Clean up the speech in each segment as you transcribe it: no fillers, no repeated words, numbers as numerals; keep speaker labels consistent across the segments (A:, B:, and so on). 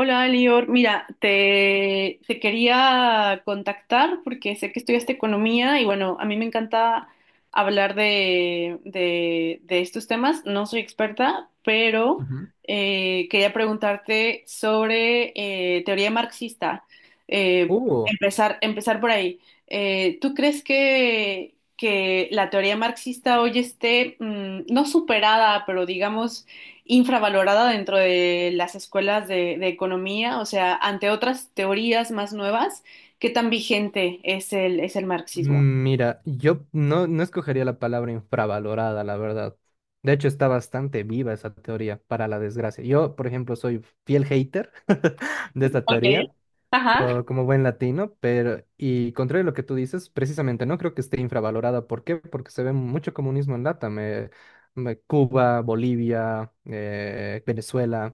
A: Hola, Lior. Mira, te quería contactar porque sé que estudiaste economía y bueno, a mí me encanta hablar de estos temas. No soy experta, pero
B: Ujú.
A: quería preguntarte sobre teoría marxista. Eh,
B: Uh,
A: empezar por ahí. ¿Tú crees que la teoría marxista hoy esté, no superada, pero digamos infravalorada dentro de las escuelas de economía, o sea, ante otras teorías más nuevas, ¿qué tan vigente es es el marxismo?
B: Mira, yo no escogería la palabra infravalorada, la verdad. De hecho, está bastante viva esa teoría, para la desgracia. Yo, por ejemplo, soy fiel hater de esta
A: Ok.
B: teoría,
A: Ajá.
B: como buen latino, pero, y contrario a lo que tú dices, precisamente no creo que esté infravalorada. ¿Por qué? Porque se ve mucho comunismo en LATAM, Cuba, Bolivia, Venezuela,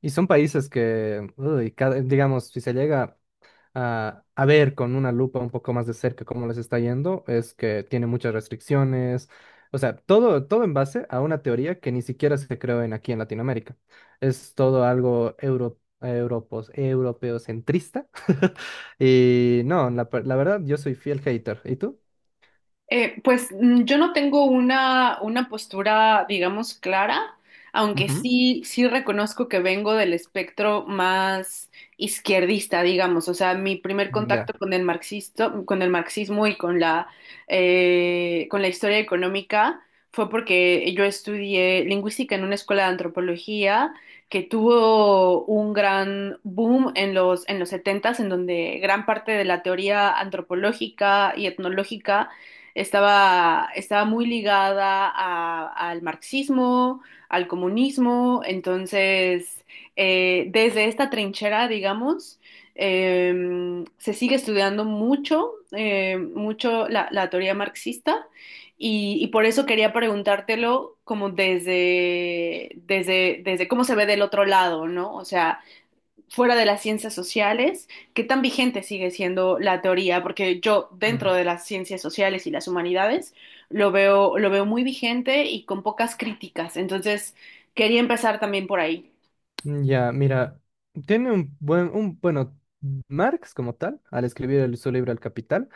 B: y son países que, uy, digamos, si se llega a ver con una lupa un poco más de cerca cómo les está yendo, es que tiene muchas restricciones, o sea, todo en base a una teoría que ni siquiera se creó en aquí en Latinoamérica. Es todo algo europeocentrista. Y no, la verdad, yo soy fiel hater. ¿Y tú?
A: Yo no tengo una postura, digamos, clara, aunque
B: Ujú.
A: sí, sí reconozco que vengo del espectro más izquierdista, digamos. O sea, mi primer contacto
B: Ya.
A: con el marxisto, con el marxismo y con con la historia económica fue porque yo estudié lingüística en una escuela de antropología que tuvo un gran boom en en los setentas en donde gran parte de la teoría antropológica y etnológica estaba muy ligada al marxismo, al comunismo, entonces desde esta trinchera, digamos, se sigue estudiando mucho, mucho la teoría marxista y por eso quería preguntártelo como desde cómo se ve del otro lado, ¿no? O sea, fuera de las ciencias sociales, ¿qué tan vigente sigue siendo la teoría? Porque yo dentro
B: Mm.
A: de las ciencias sociales y las humanidades lo veo muy vigente y con pocas críticas. Entonces, quería empezar también por ahí.
B: Ya, mira, tiene un buen, un, bueno, Marx como tal, al escribir su libro El Capital,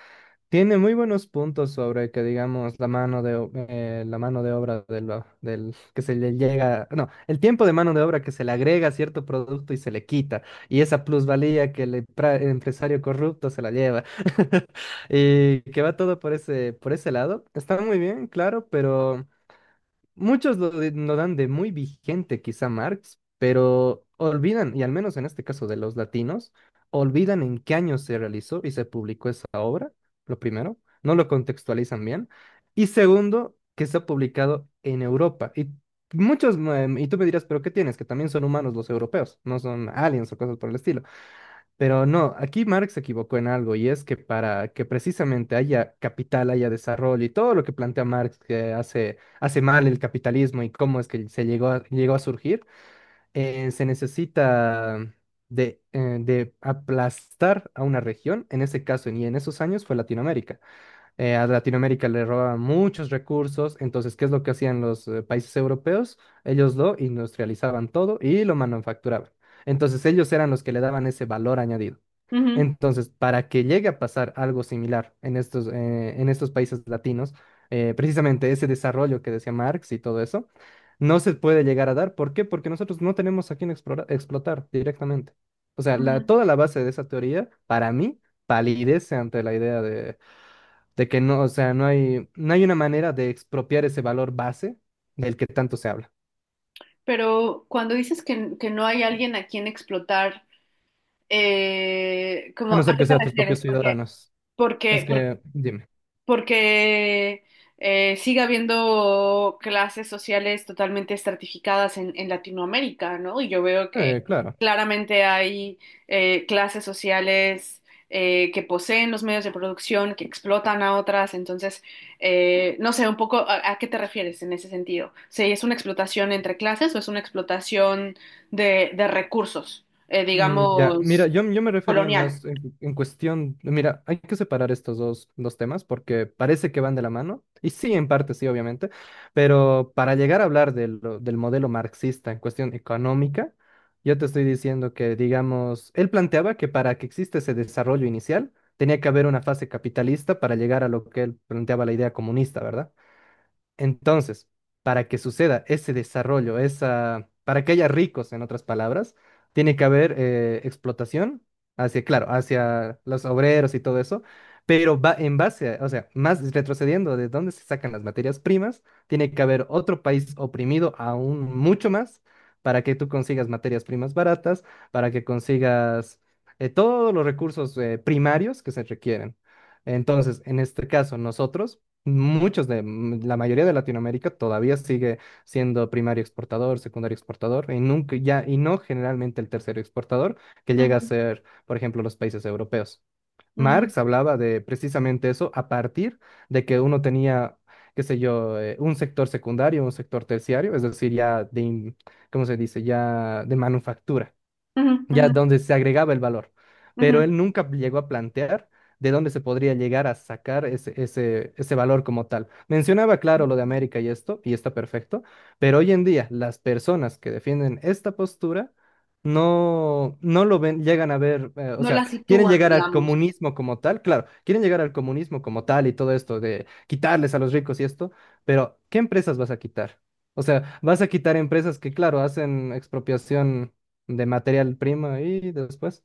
B: tiene muy buenos puntos sobre que, digamos, la mano de obra del que se le llega, no, el tiempo de mano de obra que se le agrega a cierto producto y se le quita, y esa plusvalía que el empresario corrupto se la lleva, y que va todo por ese lado. Está muy bien, claro, pero... Muchos lo dan de muy vigente quizá Marx, pero olvidan, y al menos en este caso de los latinos, olvidan en qué año se realizó y se publicó esa obra, lo primero, no lo contextualizan bien, y segundo, que se ha publicado en Europa. Y muchos, mm, y tú me dirás, pero ¿qué tienes? Que también son humanos los europeos, no son aliens o cosas por el estilo. Pero no, aquí Marx se equivocó en algo y es que para que precisamente haya capital, haya desarrollo y todo lo que plantea Marx que hace mal el capitalismo y cómo es que se llegó a surgir, se necesita de aplastar a una región, en ese caso y en esos años fue Latinoamérica. A Latinoamérica le robaban muchos recursos, entonces, ¿qué es lo que hacían los países europeos? Ellos lo industrializaban todo y lo manufacturaban. Entonces ellos eran los que le daban ese valor añadido.
A: Ujú,
B: Entonces, para que llegue a pasar algo similar en en estos países latinos, precisamente ese desarrollo que decía Marx y todo eso, no se puede llegar a dar. ¿Por qué? Porque nosotros no tenemos a quién explotar directamente. O sea,
A: ujú.
B: toda la base de esa teoría, para mí, palidece ante la idea de que no, o sea, no hay una manera de expropiar ese valor base del que tanto se habla,
A: Pero cuando dices que no hay alguien a quien explotar,
B: a no
A: ¿a
B: ser
A: qué
B: que
A: te
B: sean tus propios
A: refieres?
B: ciudadanos. Es
A: Porque,
B: que, dime.
A: porque sigue habiendo clases sociales totalmente estratificadas en Latinoamérica, ¿no? Y yo veo que
B: Claro.
A: claramente hay clases sociales que poseen los medios de producción, que explotan a otras, entonces, no sé, un poco a qué te refieres en ese sentido. ¿Si es una explotación entre clases o es una explotación de recursos,
B: Ya, mira,
A: digamos,
B: yo me refería
A: colonial?
B: más en cuestión, mira, hay que separar estos dos temas porque parece que van de la mano, y sí, en parte sí, obviamente, pero para llegar a hablar de del modelo marxista en cuestión económica, yo te estoy diciendo que, digamos, él planteaba que para que exista ese desarrollo inicial, tenía que haber una fase capitalista para llegar a lo que él planteaba la idea comunista, ¿verdad? Entonces, para que suceda ese desarrollo, esa, para que haya ricos, en otras palabras, tiene que haber explotación hacia, claro, hacia los obreros y todo eso, pero va en base a, o sea, más retrocediendo de dónde se sacan las materias primas, tiene que haber otro país oprimido aún mucho más para que tú consigas materias primas baratas, para que consigas todos los recursos primarios que se requieren. Entonces, en este caso, nosotros muchos de la mayoría de Latinoamérica todavía sigue siendo primario exportador, secundario exportador y nunca ya y no generalmente el tercero exportador que llega a
A: Ujú,
B: ser, por ejemplo, los países europeos.
A: ujú,
B: Marx hablaba de precisamente eso a partir de que uno tenía, qué sé yo, un sector secundario, un sector terciario, es decir, ¿cómo se dice? Ya de manufactura
A: ujú,
B: ya
A: ujú,
B: donde se agregaba el valor. Pero
A: ujú.
B: él nunca llegó a plantear de dónde se podría llegar a sacar ese valor como tal. Mencionaba, claro, lo de América y esto, y está perfecto, pero hoy en día las personas que defienden esta postura no lo ven, llegan a ver, o
A: No
B: sea,
A: la
B: quieren
A: sitúan,
B: llegar al
A: digamos.
B: comunismo como tal, claro, quieren llegar al comunismo como tal y todo esto de quitarles a los ricos y esto, pero ¿qué empresas vas a quitar? O sea, vas a quitar empresas que, claro, hacen expropiación de material prima y después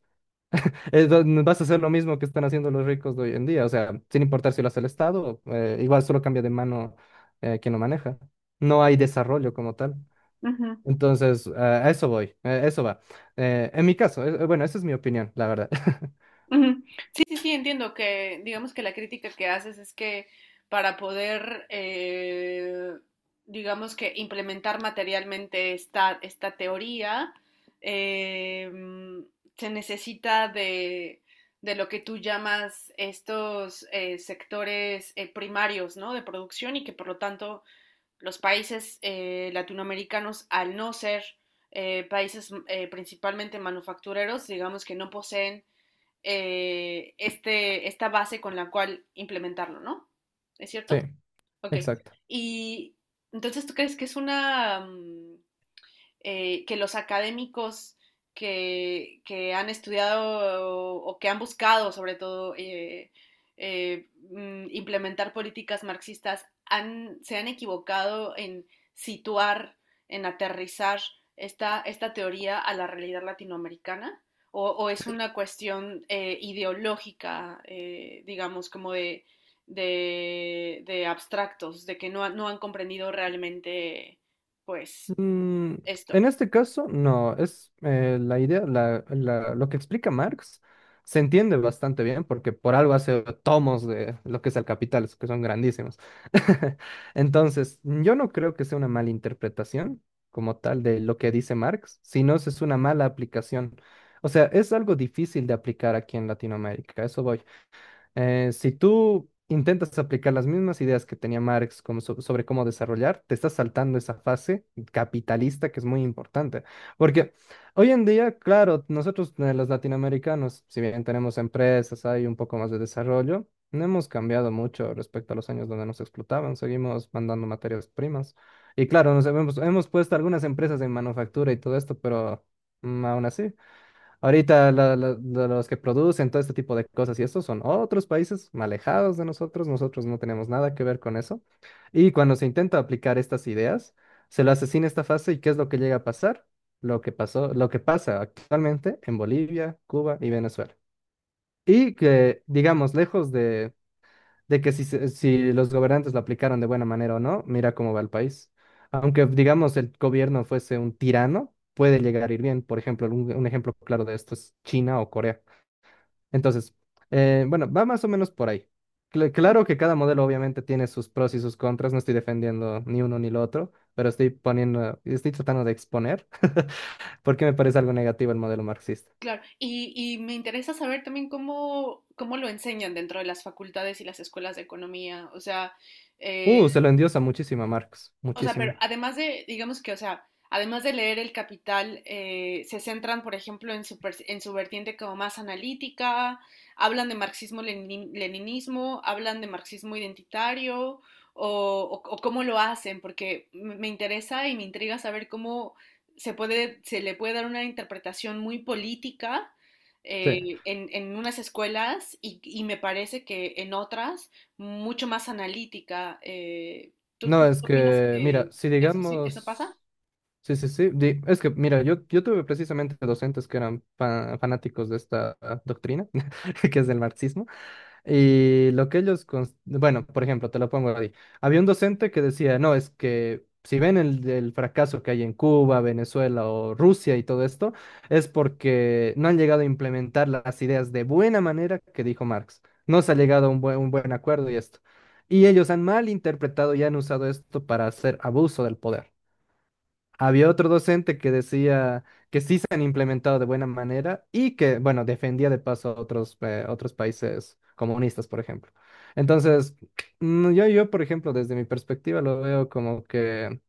B: vas a hacer lo mismo que están haciendo los ricos de hoy en día, o sea, sin importar si lo hace el Estado, igual solo cambia de mano quien lo maneja. No hay desarrollo como tal.
A: Ujú,
B: Entonces, a eso voy, eso va. En mi caso, bueno, esa es mi opinión, la verdad.
A: ujú. Sí, sí, sí, entiendo que, digamos que la crítica que haces es que para poder, digamos que implementar materialmente esta teoría, eh, mm, se necesita de lo que tú llamas estos sectores primarios, ¿no? De producción y que por lo tanto los países latinoamericanos, al no ser países mm, principalmente manufactureros, digamos que no poseen esta base con la cual implementarlo, ¿no? ¿Es cierto?
B: Sí,
A: Ok.
B: exacto.
A: Y entonces, ¿tú crees que es una que los académicos que han estudiado que han buscado, sobre todo, implementar políticas marxistas, se han equivocado en situar, en aterrizar esta teoría a la realidad latinoamericana? O
B: Sí.
A: es una cuestión ideológica, digamos, como de, abstractos, de que no han comprendido realmente, pues,
B: Mm,
A: esto?
B: en este caso, no, es la idea, lo que explica Marx se entiende bastante bien porque por algo hace tomos de lo que es el capital, que son grandísimos. Entonces, yo no creo que sea una mala interpretación como tal de lo que dice Marx, sino es una mala aplicación. O sea, es algo difícil de aplicar aquí en Latinoamérica, a eso voy. Si tú intentas aplicar las mismas ideas que tenía Marx sobre cómo desarrollar, te estás saltando esa fase capitalista que es muy importante. Porque hoy en día, claro, nosotros los latinoamericanos, si bien tenemos empresas, hay un poco más de desarrollo, no hemos cambiado mucho respecto a los años donde nos explotaban, seguimos mandando materias primas. Y claro, hemos puesto algunas empresas en manufactura y todo esto, pero aún así. Ahorita de los que producen todo este tipo de cosas y estos son otros países alejados de nosotros, nosotros no tenemos nada que ver con eso. Y cuando se intenta aplicar estas ideas, se lo asesina esta fase y ¿qué es lo que llega a pasar? Lo que pasó, lo que pasa actualmente en Bolivia, Cuba y Venezuela. Y que, digamos, lejos de que si, si los gobernantes lo aplicaron de buena manera o no, mira cómo va el país. Aunque, digamos, el gobierno fuese un tirano, puede llegar a ir bien. Por ejemplo, un ejemplo claro de esto es China o Corea. Entonces, bueno, va más o menos por ahí. Claro
A: Ujú.
B: que cada modelo obviamente tiene sus pros y sus contras, no estoy defendiendo ni uno ni lo otro, pero estoy poniendo, estoy tratando de exponer porque me parece algo negativo el modelo marxista.
A: Claro, y me interesa saber también cómo lo enseñan dentro de las facultades y las escuelas de economía. Eh,
B: Se lo endiosa muchísimo a Marx,
A: o sea, pero
B: muchísimo.
A: además de, digamos que, o sea, además de leer El Capital, se centran, por ejemplo, en su, en su vertiente como más analítica, hablan de marxismo-leninismo, hablan de marxismo identitario, o cómo lo hacen, porque me interesa y me intriga saber cómo se puede, se le puede dar una interpretación muy política
B: Sí.
A: en unas escuelas y me parece que en otras mucho más analítica. eh, ¿Tú,
B: No,
A: tú
B: es
A: opinas
B: que,
A: que
B: mira, si
A: eso sí, ¿eso
B: digamos...
A: pasa?
B: Sí, sí, sí. Es que, mira, yo tuve precisamente docentes que eran fanáticos de esta doctrina, que es del marxismo, y lo que ellos, bueno, por ejemplo, te lo pongo ahí. Había un docente que decía, no, es que si ven el fracaso que hay en Cuba, Venezuela o Rusia y todo esto, es porque no han llegado a implementar las ideas de buena manera que dijo Marx. No se ha llegado a un buen acuerdo y esto. Y ellos han mal interpretado y han usado esto para hacer abuso del poder. Había otro docente que decía que sí se han implementado de buena manera y que, bueno, defendía de paso a otros países comunistas, por ejemplo. Entonces, yo, por ejemplo, desde mi perspectiva lo veo como que,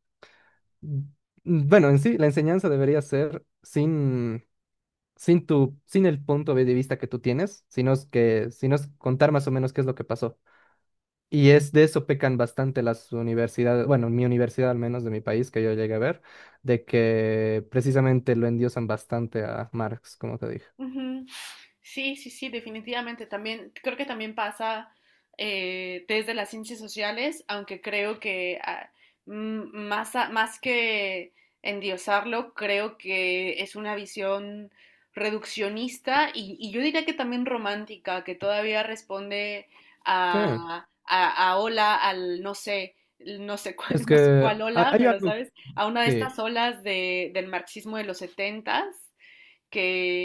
B: mm, bueno, en sí, la enseñanza debería ser sin tu, sin el punto de vista que tú tienes, sino es contar más o menos qué es lo que pasó. Y es de eso pecan bastante las universidades, bueno, mi universidad al menos de mi país que yo llegué a ver, de que precisamente lo endiosan bastante a Marx, como te dije.
A: Ujú. Sí, sí, sí, definitivamente. También creo que también pasa desde las ciencias sociales, aunque creo que más que endiosarlo, creo que es una visión reduccionista y yo diría que también romántica, que todavía responde
B: Sí,
A: a ola, al no sé, no sé
B: es
A: cuál, no sé
B: que
A: cuál ola,
B: hay
A: pero
B: algo,
A: sabes, a una de
B: sí.
A: estas olas del marxismo de los setentas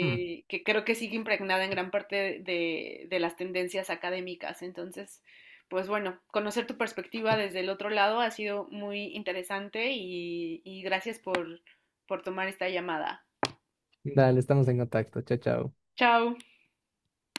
B: Mm.
A: que creo que sigue impregnada en gran parte de las tendencias académicas. Entonces, pues bueno, conocer tu perspectiva desde el otro lado ha sido muy interesante y gracias por tomar esta llamada.
B: Dale, estamos en contacto. Chao, chao.
A: Chao.